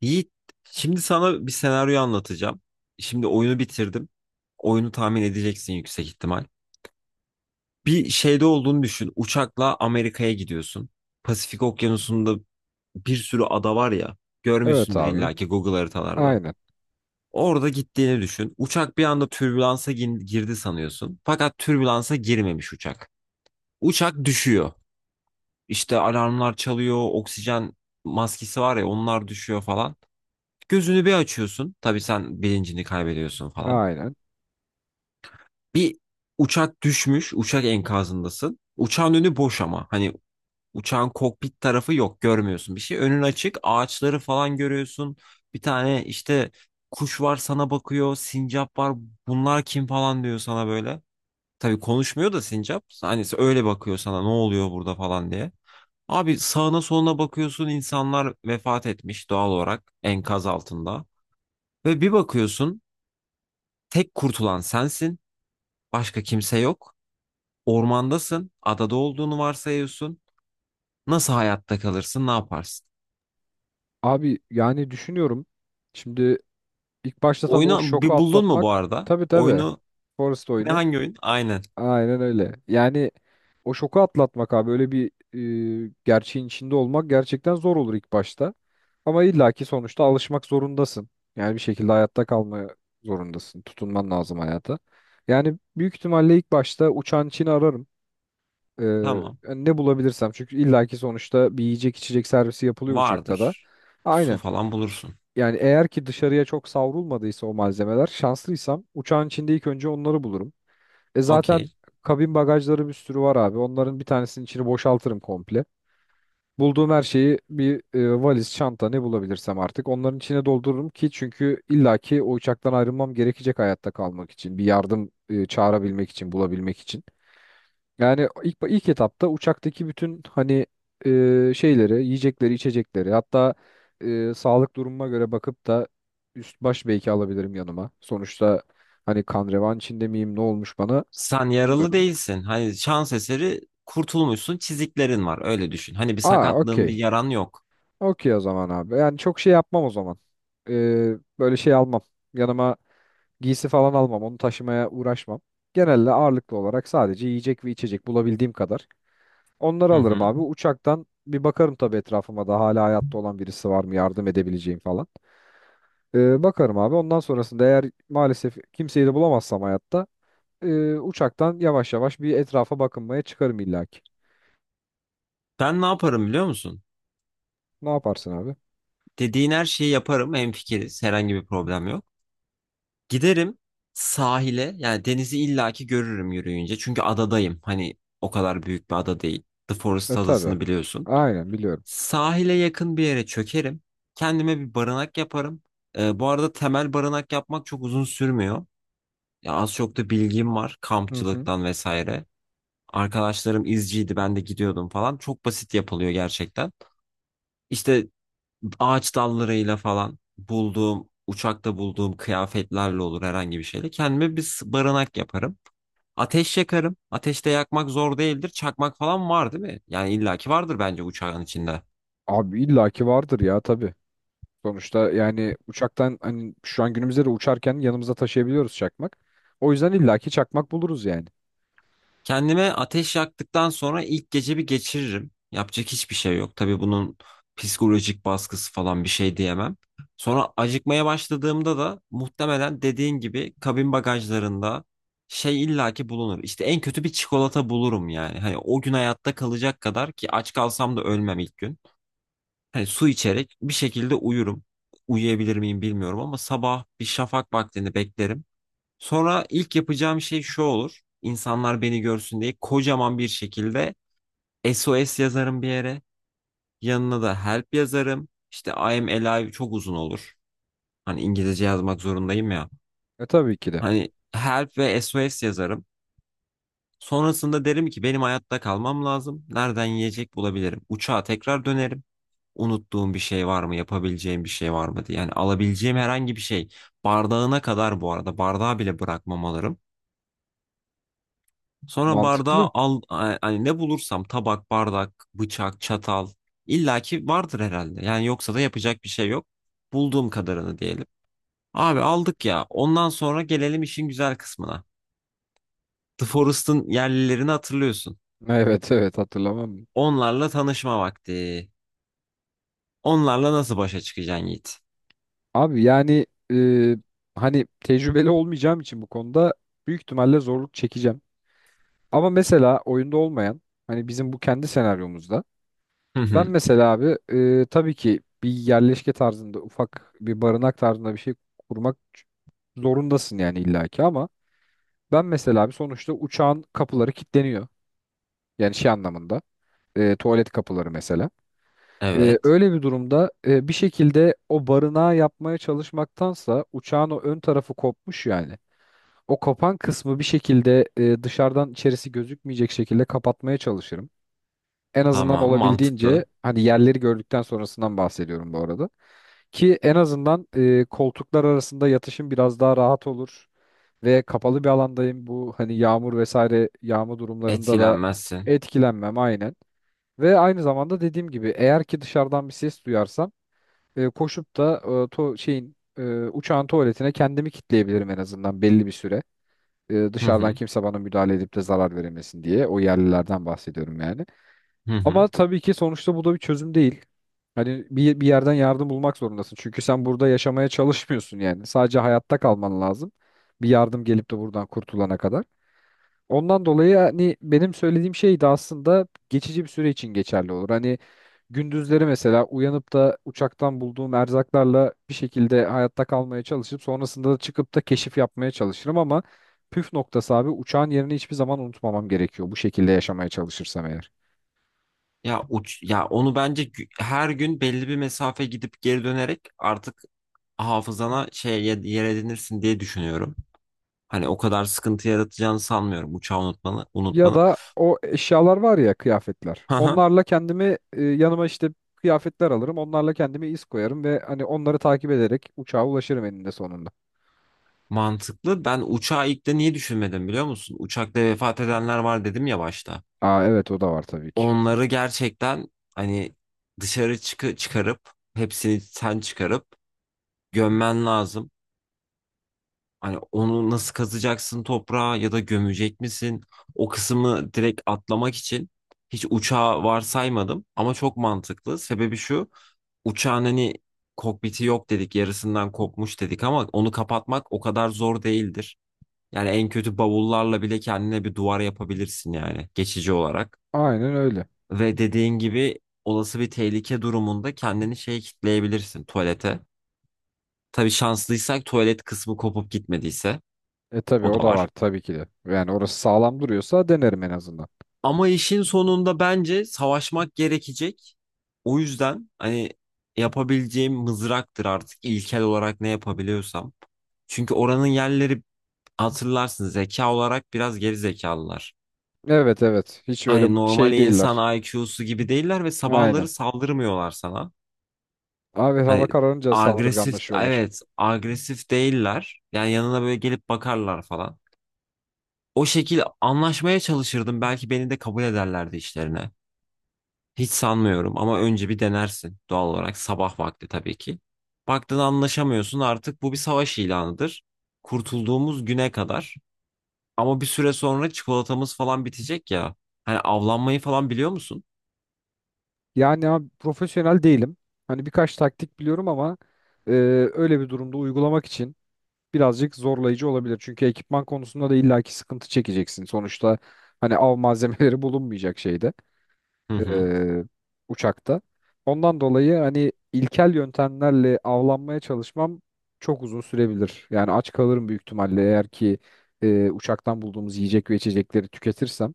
Yiğit, şimdi sana bir senaryo anlatacağım. Şimdi oyunu bitirdim. Oyunu tahmin edeceksin yüksek ihtimal. Bir şeyde olduğunu düşün. Uçakla Amerika'ya gidiyorsun. Pasifik Okyanusu'nda bir sürü ada var ya. Evet Görmüşsündür abi. illaki Google haritalarda. Aynen. Orada gittiğini düşün. Uçak bir anda türbülansa girdi sanıyorsun. Fakat türbülansa girmemiş uçak. Uçak düşüyor. İşte alarmlar çalıyor, oksijen maskesi var ya onlar düşüyor falan. Gözünü bir açıyorsun. Tabii sen bilincini kaybediyorsun falan. Aynen. Bir uçak düşmüş. Uçak enkazındasın. Uçağın önü boş ama. Hani uçağın kokpit tarafı yok. Görmüyorsun bir şey. Önün açık. Ağaçları falan görüyorsun. Bir tane işte kuş var sana bakıyor. Sincap var. Bunlar kim falan diyor sana böyle. Tabii konuşmuyor da sincap. Hani öyle bakıyor sana ne oluyor burada falan diye. Abi sağına soluna bakıyorsun insanlar vefat etmiş doğal olarak enkaz altında. Ve bir bakıyorsun tek kurtulan sensin. Başka kimse yok. Ormandasın. Adada olduğunu varsayıyorsun. Nasıl hayatta kalırsın? Ne yaparsın? Abi yani düşünüyorum. Şimdi ilk başta tabii o Oyunu şoku bir buldun mu bu atlatmak. arada? Tabii tabii. Oyunu Forest ne oyunu. hangi oyun? Aynen. Aynen öyle. Yani o şoku atlatmak abi. Öyle bir gerçeğin içinde olmak gerçekten zor olur ilk başta. Ama illaki sonuçta alışmak zorundasın. Yani bir şekilde hayatta kalmaya zorundasın. Tutunman lazım hayata. Yani büyük ihtimalle ilk başta uçan için ararım. Ee, Tamam. Yani ne bulabilirsem çünkü illaki sonuçta bir yiyecek içecek servisi yapılıyor uçakta da. Vardır. Su Aynen. falan bulursun. Yani eğer ki dışarıya çok savrulmadıysa o malzemeler şanslıysam uçağın içinde ilk önce onları bulurum. E zaten Okey. kabin bagajları bir sürü var abi. Onların bir tanesinin içini boşaltırım komple. Bulduğum her şeyi bir valiz, çanta ne bulabilirsem artık onların içine doldururum ki çünkü illaki o uçaktan ayrılmam gerekecek hayatta kalmak için. Bir yardım çağırabilmek için, bulabilmek için. Yani ilk etapta uçaktaki bütün hani şeyleri, yiyecekleri, içecekleri, hatta sağlık durumuma göre bakıp da üst baş belki alabilirim yanıma. Sonuçta hani kan revan içinde miyim, ne olmuş bana Sen yaralı bilmiyorum. değilsin. Hani şans eseri kurtulmuşsun. Çiziklerin var. Öyle düşün. Hani bir Aa, sakatlığın, bir okey. yaran yok. Okey o zaman abi. Yani çok şey yapmam o zaman. E, Böyle şey almam. Yanıma giysi falan almam. Onu taşımaya uğraşmam. Genelde ağırlıklı olarak sadece yiyecek ve içecek bulabildiğim kadar. Onları Hı alırım hı. abi. Uçaktan bir bakarım tabii etrafıma da hala hayatta olan birisi var mı yardım edebileceğim falan. Bakarım abi. Ondan sonrasında eğer maalesef kimseyi de bulamazsam hayatta uçaktan yavaş yavaş bir etrafa bakınmaya çıkarım illaki. Ben ne yaparım biliyor musun? Ne yaparsın abi? Dediğin her şeyi yaparım. Hemfikiriz. Herhangi bir problem yok. Giderim sahile, yani denizi illaki görürüm yürüyünce. Çünkü adadayım. Hani o kadar büyük bir ada değil. The Forest E tabii. adasını biliyorsun. Aynen biliyorum. Sahile yakın bir yere çökerim. Kendime bir barınak yaparım. Bu arada temel barınak yapmak çok uzun sürmüyor. Ya az çok da bilgim var Hı hı. kampçılıktan vesaire. Arkadaşlarım izciydi, ben de gidiyordum falan. Çok basit yapılıyor gerçekten. İşte ağaç dallarıyla falan bulduğum, uçakta bulduğum kıyafetlerle olur, herhangi bir şeyle. Kendime bir barınak yaparım. Ateş yakarım. Ateşte yakmak zor değildir. Çakmak falan var değil mi? Yani illaki vardır bence uçağın içinde. Abi illaki vardır ya tabii. Sonuçta yani uçaktan hani şu an günümüzde de uçarken yanımıza taşıyabiliyoruz çakmak. O yüzden illaki çakmak buluruz yani. Kendime ateş yaktıktan sonra ilk gece bir geçiririm. Yapacak hiçbir şey yok. Tabii bunun psikolojik baskısı falan bir şey diyemem. Sonra acıkmaya başladığımda da muhtemelen dediğin gibi kabin bagajlarında şey illaki bulunur. İşte en kötü bir çikolata bulurum yani. Hani o gün hayatta kalacak kadar ki, aç kalsam da ölmem ilk gün. Hani su içerek bir şekilde uyurum. Uyuyabilir miyim bilmiyorum ama sabah bir şafak vaktini beklerim. Sonra ilk yapacağım şey şu olur. İnsanlar beni görsün diye kocaman bir şekilde SOS yazarım bir yere. Yanına da help yazarım. İşte I am alive çok uzun olur. Hani İngilizce yazmak zorundayım ya. E tabii ki de. Hani help ve SOS yazarım. Sonrasında derim ki benim hayatta kalmam lazım. Nereden yiyecek bulabilirim? Uçağa tekrar dönerim. Unuttuğum bir şey var mı? Yapabileceğim bir şey var mı diye. Yani alabileceğim herhangi bir şey. Bardağına kadar bu arada. Bardağı bile bırakmam, alırım. Sonra bardağı Mantıklı. al, hani ne bulursam tabak, bardak, bıçak, çatal illaki vardır herhalde. Yani yoksa da yapacak bir şey yok. Bulduğum kadarını diyelim. Abi aldık ya. Ondan sonra gelelim işin güzel kısmına. The Forest'ın yerlilerini hatırlıyorsun. Evet evet hatırlamam. Onlarla tanışma vakti. Onlarla nasıl başa çıkacaksın Yiğit? Abi yani e, hani tecrübeli olmayacağım için bu konuda büyük ihtimalle zorluk çekeceğim. Ama mesela oyunda olmayan hani bizim bu kendi senaryomuzda Hı ben hı. mesela abi tabii ki bir yerleşke tarzında ufak bir barınak tarzında bir şey kurmak zorundasın yani illaki ama ben mesela abi sonuçta uçağın kapıları kilitleniyor. Yani şey anlamında tuvalet kapıları mesela. Evet. Öyle bir durumda bir şekilde o barınağı yapmaya çalışmaktansa uçağın o ön tarafı kopmuş yani. O kapan kısmı bir şekilde dışarıdan içerisi gözükmeyecek şekilde kapatmaya çalışırım. En azından Tamam, mantıklı. olabildiğince hani yerleri gördükten sonrasından bahsediyorum bu arada. Ki en azından koltuklar arasında yatışım biraz daha rahat olur ve kapalı bir alandayım. Bu hani yağmur vesaire yağma durumlarında da Etkilenmezsin. etkilenmem aynen. Ve aynı zamanda dediğim gibi eğer ki dışarıdan bir ses duyarsam koşup da uçağın tuvaletine kendimi kitleyebilirim en azından belli bir süre Hı dışarıdan hı. kimse bana müdahale edip de zarar veremesin diye. O yerlilerden bahsediyorum yani. Hı hı. Ama tabii ki sonuçta bu da bir çözüm değil. Hani bir yerden yardım bulmak zorundasın. Çünkü sen burada yaşamaya çalışmıyorsun yani. Sadece hayatta kalman lazım. Bir yardım gelip de buradan kurtulana kadar. Ondan dolayı hani benim söylediğim şey de aslında geçici bir süre için geçerli olur. Hani gündüzleri mesela uyanıp da uçaktan bulduğum erzaklarla bir şekilde hayatta kalmaya çalışıp sonrasında da çıkıp da keşif yapmaya çalışırım ama püf noktası abi uçağın yerini hiçbir zaman unutmamam gerekiyor bu şekilde yaşamaya çalışırsam eğer. Ya uç ya onu bence her gün belli bir mesafe gidip geri dönerek artık hafızana yer edinirsin diye düşünüyorum. Hani o kadar sıkıntı yaratacağını sanmıyorum uçağı Ya unutmanın. da o eşyalar var ya kıyafetler. Hı hı. Onlarla kendimi yanıma işte kıyafetler alırım. Onlarla kendime iz koyarım ve hani onları takip ederek uçağa ulaşırım eninde sonunda. Mantıklı. Ben uçağı ilk de niye düşünmedim biliyor musun? Uçakta vefat edenler var dedim ya başta. Aa evet o da var tabii ki. Onları gerçekten hani dışarı çıkarıp hepsini çıkarıp gömmen lazım. Hani onu nasıl kazacaksın toprağa, ya da gömecek misin? O kısmı direkt atlamak için hiç uçağı varsaymadım ama çok mantıklı. Sebebi şu. Uçağın hani kokpiti yok dedik, yarısından kopmuş dedik, ama onu kapatmak o kadar zor değildir. Yani en kötü bavullarla bile kendine bir duvar yapabilirsin, yani geçici olarak. Aynen öyle. Ve dediğin gibi olası bir tehlike durumunda kendini şeye kitleyebilirsin, tuvalete. Tabii şanslıysak, tuvalet kısmı kopup gitmediyse, E tabii o o da da var var. tabii ki de. Yani orası sağlam duruyorsa denerim en azından. Ama işin sonunda bence savaşmak gerekecek. O yüzden hani yapabileceğim mızraktır artık, ilkel olarak ne yapabiliyorsam. Çünkü oranın yerleri, hatırlarsın, zeka olarak biraz geri zekalılar. Evet evet. Hiç öyle Hani normal şey değiller. insan IQ'su gibi değiller ve sabahları Aynen. saldırmıyorlar sana. Abi hava Hani kararınca saldırganlaşıyorlar. Agresif değiller. Yani yanına böyle gelip bakarlar falan. O şekil anlaşmaya çalışırdım. Belki beni de kabul ederlerdi işlerine. Hiç sanmıyorum ama önce bir denersin doğal olarak, sabah vakti tabii ki. Baktın anlaşamıyorsun, artık bu bir savaş ilanıdır. Kurtulduğumuz güne kadar. Ama bir süre sonra çikolatamız falan bitecek ya. Hani avlanmayı falan biliyor musun? Yani abi profesyonel değilim. Hani birkaç taktik biliyorum ama e, öyle bir durumda uygulamak için birazcık zorlayıcı olabilir. Çünkü ekipman konusunda da illaki sıkıntı çekeceksin. Sonuçta hani av malzemeleri bulunmayacak şeyde. Hı hı. e, Uçakta. Ondan dolayı hani ilkel yöntemlerle avlanmaya çalışmam çok uzun sürebilir. Yani aç kalırım büyük ihtimalle eğer ki uçaktan bulduğumuz yiyecek ve içecekleri tüketirsem.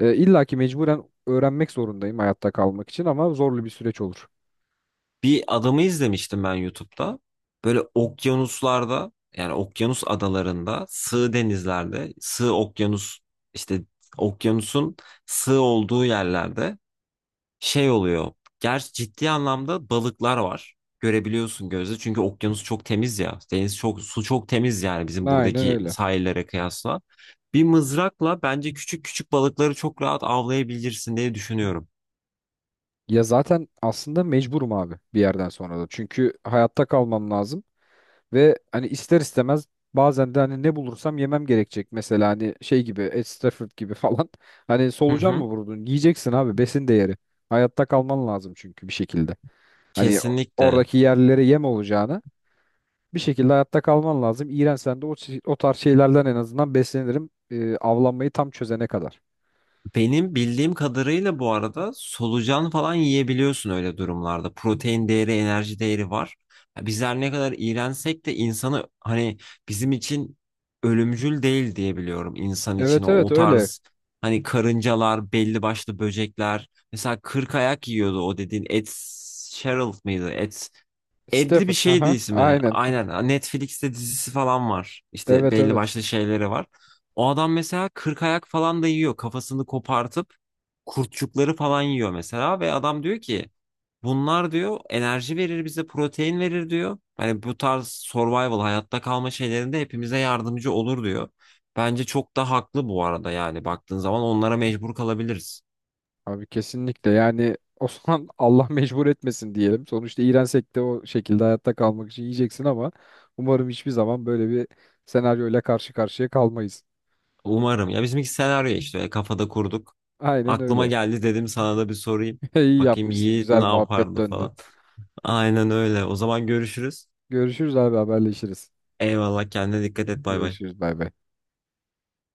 İlla ki mecburen öğrenmek zorundayım hayatta kalmak için ama zorlu bir süreç olur. Bir adamı izlemiştim ben YouTube'da. Böyle okyanuslarda, yani okyanus adalarında, sığ denizlerde, sığ okyanus, işte okyanusun sığ olduğu yerlerde şey oluyor. Gerçi ciddi anlamda balıklar var. Görebiliyorsun gözle. Çünkü okyanus çok temiz ya. Deniz çok, su çok temiz yani bizim Aynen buradaki öyle. sahillere kıyasla. Bir mızrakla bence küçük küçük balıkları çok rahat avlayabilirsin diye düşünüyorum. Ya zaten aslında mecburum abi bir yerden sonra da. Çünkü hayatta kalmam lazım. Ve hani ister istemez bazen de hani ne bulursam yemem gerekecek. Mesela hani şey gibi Ed Stafford gibi falan. Hani Hı solucan mı hı. vurdun? Yiyeceksin abi besin değeri. Hayatta kalman lazım çünkü bir şekilde. Hani Kesinlikle. oradaki yerlilere yem olacağına bir şekilde hayatta kalman lazım. İğrensen de o tarz şeylerden en azından beslenirim. Avlanmayı tam çözene kadar. Benim bildiğim kadarıyla bu arada solucan falan yiyebiliyorsun öyle durumlarda. Protein değeri, enerji değeri var. Ya bizler ne kadar iğrensek de insanı, hani bizim için ölümcül değil diye biliyorum, insan için Evet evet o öyle. tarz hani karıncalar, belli başlı böcekler. Mesela kırk ayak yiyordu, o dediğin Ed Sheeran mıydı? Edli bir Stafford. şeydi Aha, ismi. aynen. Aynen. Netflix'te dizisi falan var. İşte Evet belli evet. başlı şeyleri var. O adam mesela 40 ayak falan da yiyor, kafasını kopartıp kurtçukları falan yiyor mesela. Ve adam diyor ki bunlar diyor enerji verir bize, protein verir diyor. Hani bu tarz survival, hayatta kalma şeylerinde hepimize yardımcı olur diyor. Bence çok da haklı bu arada, yani baktığın zaman onlara mecbur kalabiliriz. Abi kesinlikle yani Osman Allah mecbur etmesin diyelim. Sonuçta iğrensek de o şekilde hayatta kalmak için yiyeceksin ama umarım hiçbir zaman böyle bir senaryoyla karşı karşıya kalmayız. Umarım. Ya bizimki senaryo, işte kafada kurduk. Aynen Aklıma öyle. geldi, dedim sana da bir sorayım. İyi Bakayım yapmışsın. Yiğit Güzel ne muhabbet yapardı döndü. falan. Aynen öyle. O zaman görüşürüz. Görüşürüz abi haberleşiriz. Eyvallah, kendine dikkat et, bay bay. Görüşürüz bay bay.